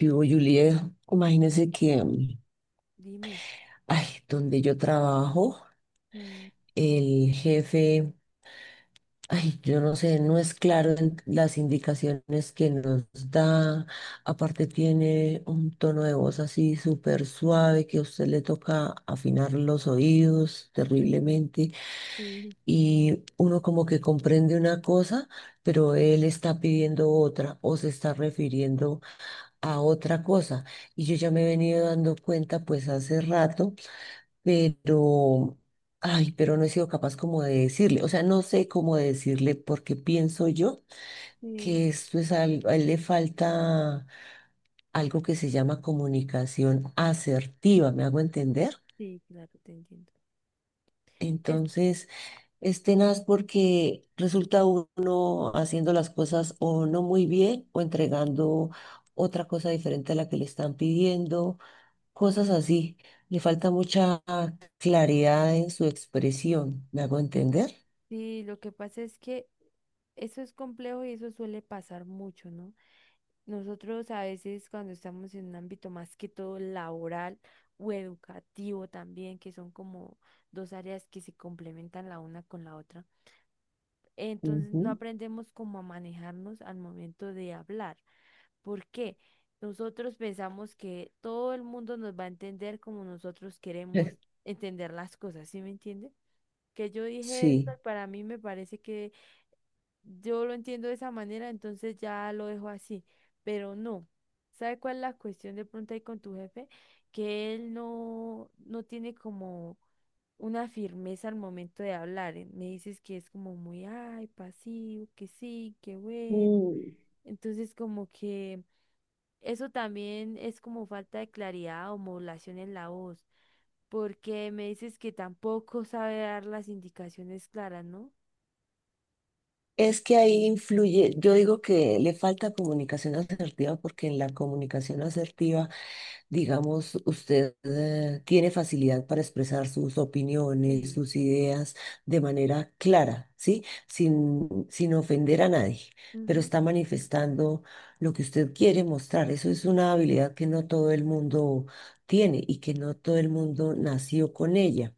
Yo, Juliet, imagínense que, Dime. ay, donde yo trabajo, Mm, el jefe, ay, yo no sé, no es claro en las indicaciones que nos da. Aparte tiene un tono de voz así súper suave que a usted le toca afinar los oídos terriblemente sí, y uno como que comprende una cosa, pero él está pidiendo otra o se está refiriendo a otra cosa. Y yo ya me he venido dando cuenta pues hace rato pero, ay, pero no he sido capaz como de decirle, o sea, no sé cómo decirle porque pienso yo sí. que esto es algo, a él le falta algo que se llama comunicación asertiva, ¿me hago entender? Sí, claro, te entiendo. Es, Entonces, es tenaz porque resulta uno haciendo las cosas o no muy bien o entregando otra cosa diferente a la que le están pidiendo, cosas así. Le falta mucha claridad en su expresión, ¿me hago entender? Sí, lo que pasa es que eso es complejo y eso suele pasar mucho, ¿no? Nosotros a veces cuando estamos en un ámbito más que todo laboral o educativo también, que son como dos áreas que se complementan la una con la otra, entonces no Ujú. aprendemos cómo a manejarnos al momento de hablar. ¿Por qué? Nosotros pensamos que todo el mundo nos va a entender como nosotros queremos entender las cosas, ¿sí me entiende? Que yo dije esto, Sí. y para mí me parece que yo lo entiendo de esa manera, entonces ya lo dejo así, pero no. ¿Sabe cuál es la cuestión de pronto ahí con tu jefe? Que él no tiene como una firmeza al momento de hablar. Me dices que es como muy, ay, pasivo, que sí, que bueno. Mm. Entonces, como que eso también es como falta de claridad o modulación en la voz, porque me dices que tampoco sabe dar las indicaciones claras, ¿no? Es que ahí influye, yo digo que le falta comunicación asertiva porque en la comunicación asertiva, digamos, usted tiene facilidad para expresar sus opiniones, Sí. sus ideas de manera clara, ¿sí? Sin ofender a nadie, pero Ujú. está manifestando lo que usted quiere mostrar. Eso es una habilidad que no todo el mundo tiene y que no todo el mundo nació con ella.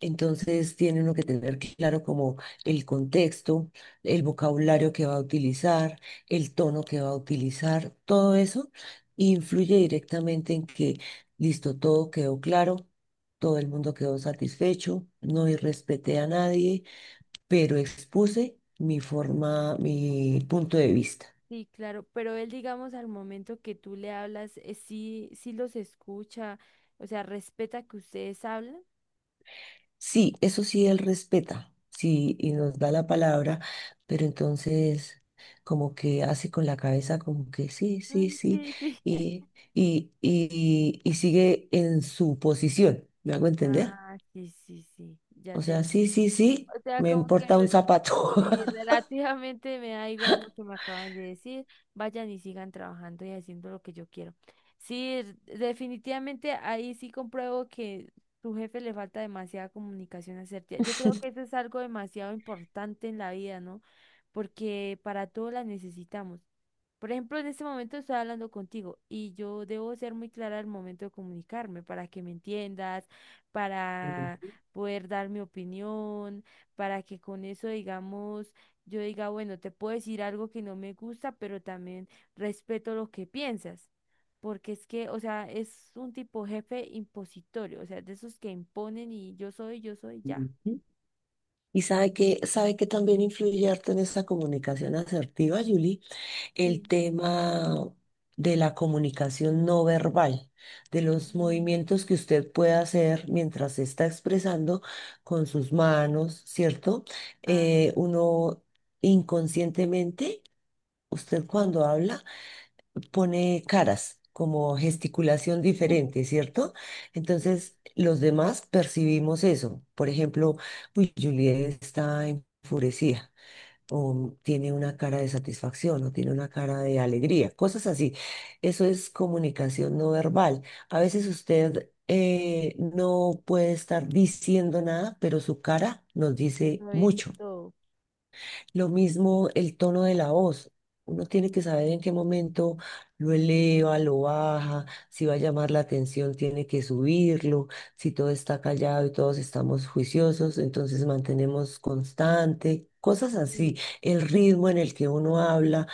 Entonces tiene uno que tener claro como el contexto, el vocabulario que va a utilizar, el tono que va a utilizar, todo eso influye directamente en que, listo, todo quedó claro, todo el mundo quedó satisfecho, no irrespeté a nadie, pero expuse mi forma, mi punto de vista. Sí, claro, pero él, digamos, al momento que tú le hablas, sí, sí los escucha, o sea, respeta que ustedes hablan. Sí, eso sí, él respeta, sí, y nos da la palabra, pero entonces como que hace con la cabeza como que sí, sí, Mm, sí, sí, sí. y, y sigue en su posición, ¿me hago entender? Ah, sí, sí, sí, ya O te sea, sí, entendí. sí, sí, O sea, me como que importa un re- zapato. Sí, relativamente me da igual lo que me acaban de decir. Vayan y sigan trabajando y haciendo lo que yo quiero. Sí, definitivamente ahí sí compruebo que tu jefe le falta demasiada comunicación asertiva. Yo creo que eso es algo demasiado importante en la vida, ¿no? Porque para todo la necesitamos. Por ejemplo, en este momento estoy hablando contigo y yo debo ser muy clara al momento de comunicarme para que me entiendas, para poder dar mi opinión para que con eso, digamos, yo diga, bueno, te puedo decir algo que no me gusta, pero también respeto lo que piensas. Porque es que, o sea, es un tipo jefe impositorio, o sea, de esos que imponen y yo soy, ya. Ujú. Y sabe que también influye harto en esa comunicación asertiva, Julie, el Sí. tema de la comunicación no verbal, de los Mm. movimientos que usted puede hacer mientras se está expresando con sus manos, ¿cierto? Ah, Uno inconscientemente, usted cuando habla, pone caras, como gesticulación diferente, ¿cierto? Entonces, los demás percibimos eso. Por ejemplo, uy, Juliet está enfurecida o tiene una cara de satisfacción o tiene una cara de alegría, cosas así. Eso es comunicación no verbal. A veces usted no puede estar diciendo nada, pero su cara nos dice lo dice mucho. todo. Lo mismo el tono de la voz. Uno tiene que saber en qué momento lo eleva, lo baja, si va a llamar la atención, tiene que subirlo, si todo está callado y todos estamos juiciosos, entonces mantenemos constante, cosas así. Sí. El ritmo en el que uno habla,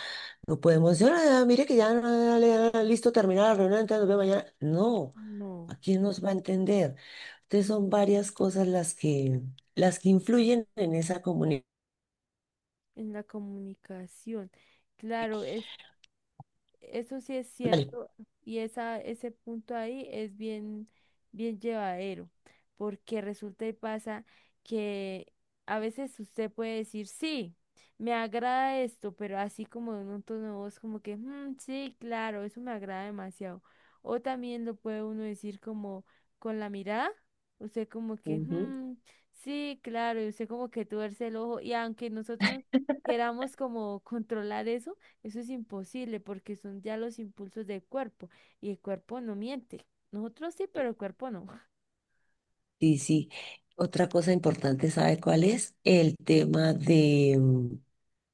no podemos decir, "Ah, mire que ya, ah, ya, ya, listo, terminada la reunión, entonces nos vemos mañana". No, No, ¿a quién nos va a entender? Entonces son varias cosas las que influyen en esa comunicación. en la comunicación. Claro, eso sí es cierto y ese punto ahí es bien, bien llevadero, porque resulta y pasa que a veces usted puede decir, sí, me agrada esto, pero así como en un tono de voz como que, "Mm, sí, claro, eso me agrada demasiado". O también lo puede uno decir como con la mirada, usted como que, Ujú. "Mm, sí, claro", y usted como que tuerce el ojo y aunque nosotros queramos como controlar eso es imposible porque son ya los impulsos del cuerpo y el cuerpo no miente. Nosotros sí, pero el cuerpo no. Sí, sí. Otra cosa importante, ¿sabe cuál es? El tema de,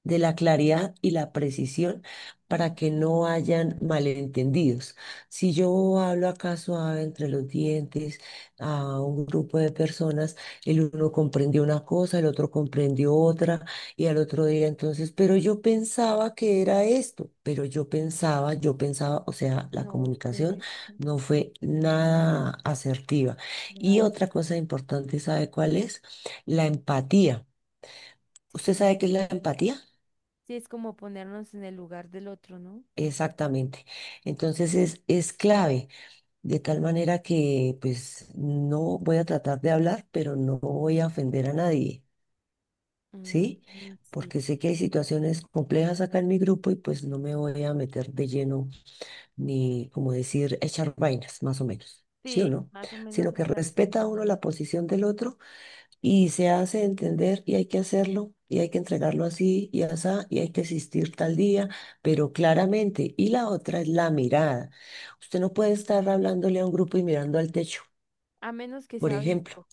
de la claridad y la precisión para que Mm. no hayan malentendidos. Si yo hablo acá suave entre los dientes a un grupo de personas, el uno comprendió una cosa, el otro comprendió otra y al otro día entonces, pero yo pensaba que era esto, o sea, la No comunicación sé. no fue nada asertiva. Y Opinar. otra cosa importante, ¿sabe cuál es? La empatía. ¿Usted Sí. sabe qué es la empatía? Sí, es como ponernos en el lugar del otro, ¿no? Exactamente. Entonces es clave, de tal manera que pues no voy a tratar de hablar, pero no voy a ofender a nadie, Mm, ¿sí? mm, sí. Porque sé que hay situaciones complejas acá en mi grupo y pues no me voy a meter de lleno ni, como decir, echar vainas, más o menos, ¿sí o Sí, no? más o menos Sino que es así. respeta uno la posición del otro y se hace entender y hay que hacerlo y hay que entregarlo así y asá y hay que asistir tal día, pero claramente. Y la otra es la mirada. Usted no puede estar hablándole a un grupo y mirando al techo, A menos que por sea ejemplo. visco.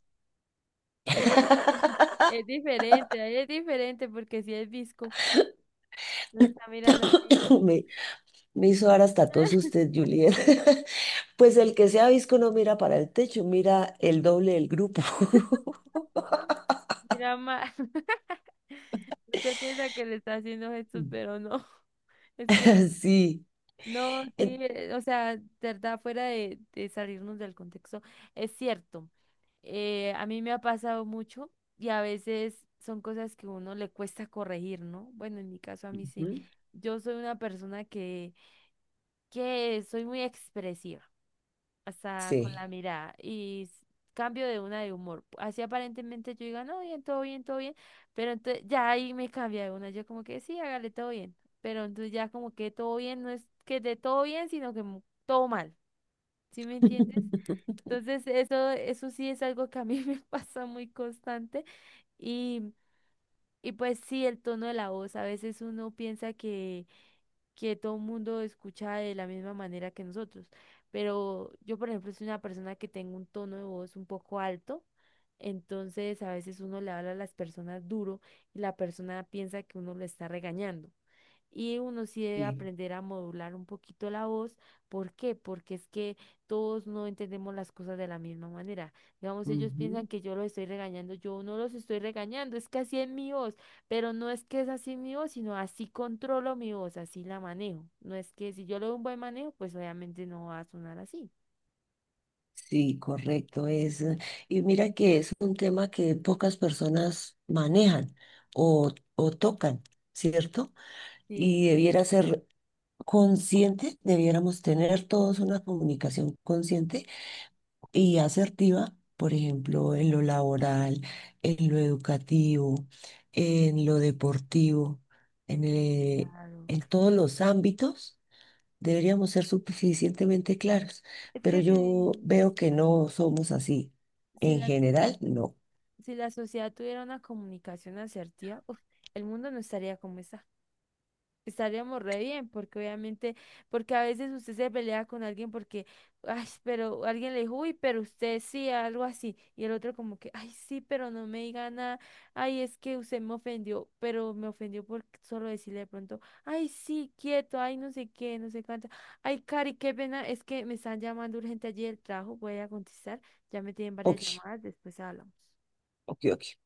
¿Qué tal? ¿Sabe? Es diferente, ahí es diferente porque si es visco, no está mirando así, ¿no? Me, me hizo dar hasta tos usted, Juliet. Pues el que sea visco no mira para el techo, mira el doble del grupo. Mira mal. Usted piensa que le está haciendo gestos, Mm. pero no. Es que Sí, no, sí, en- o sea, de verdad, fuera de, salirnos del contexto, es cierto. A mí me ha pasado mucho y a veces son cosas que uno le cuesta corregir, ¿no? Bueno, en mi caso a mí sí. ujú, Yo soy una persona que soy muy expresiva hasta con la sí. mirada y cambio de una de humor. Así aparentemente yo diga, no, bien, todo bien, todo bien, pero entonces ya ahí me cambia de una, yo como que sí, hágale todo bien, pero entonces ya como que todo bien no es que de todo bien, sino que todo mal, ¿sí me entiendes? Entonces eso sí es algo que a mí me pasa muy constante y, y pues sí, el tono de la voz, a veces uno piensa que todo el mundo escucha de la misma manera que nosotros. Pero yo, por ejemplo, soy una persona que tengo un tono de voz un poco alto, entonces a veces uno le habla a las personas duro y la persona piensa que uno lo está regañando. Y uno sí debe Sí. aprender a modular un poquito la voz. ¿Por qué? Porque es que todos no entendemos las cosas de la misma manera. Digamos, ellos Ujú. piensan que yo los estoy regañando, yo no los estoy regañando, es que así es mi voz, pero no es que es así mi voz, sino así controlo mi voz, así la manejo. No es que si yo le doy un buen manejo, pues obviamente no va a sonar así. Sí, correcto. Es, y mira que es un tema que pocas personas manejan o tocan, ¿cierto? Sí, Y debiera ser consciente, debiéramos tener todos una comunicación consciente y asertiva, por ejemplo, en lo laboral, en lo educativo, en lo deportivo, en, eh, claro. en todos los ámbitos. Deberíamos ser suficientemente claros, Es pero que yo veo que no somos así. si En la, general, no. si la sociedad tuviera una comunicación asertiva, uf, el mundo no estaría como está. Estaríamos re bien, porque obviamente, porque a veces usted se pelea con alguien porque, ay, pero alguien le dijo, uy, pero usted sí, algo así, y el otro como que, ay, sí, pero no me diga nada, ay, es que usted me ofendió, pero me ofendió por solo decirle de pronto, ay, sí, quieto, ay, no sé qué, no sé cuánto, ay, Cari, qué pena, es que me están llamando urgente allí del trabajo, voy a contestar, ya me tienen varias Ok, llamadas, después hablamos. ok, ok.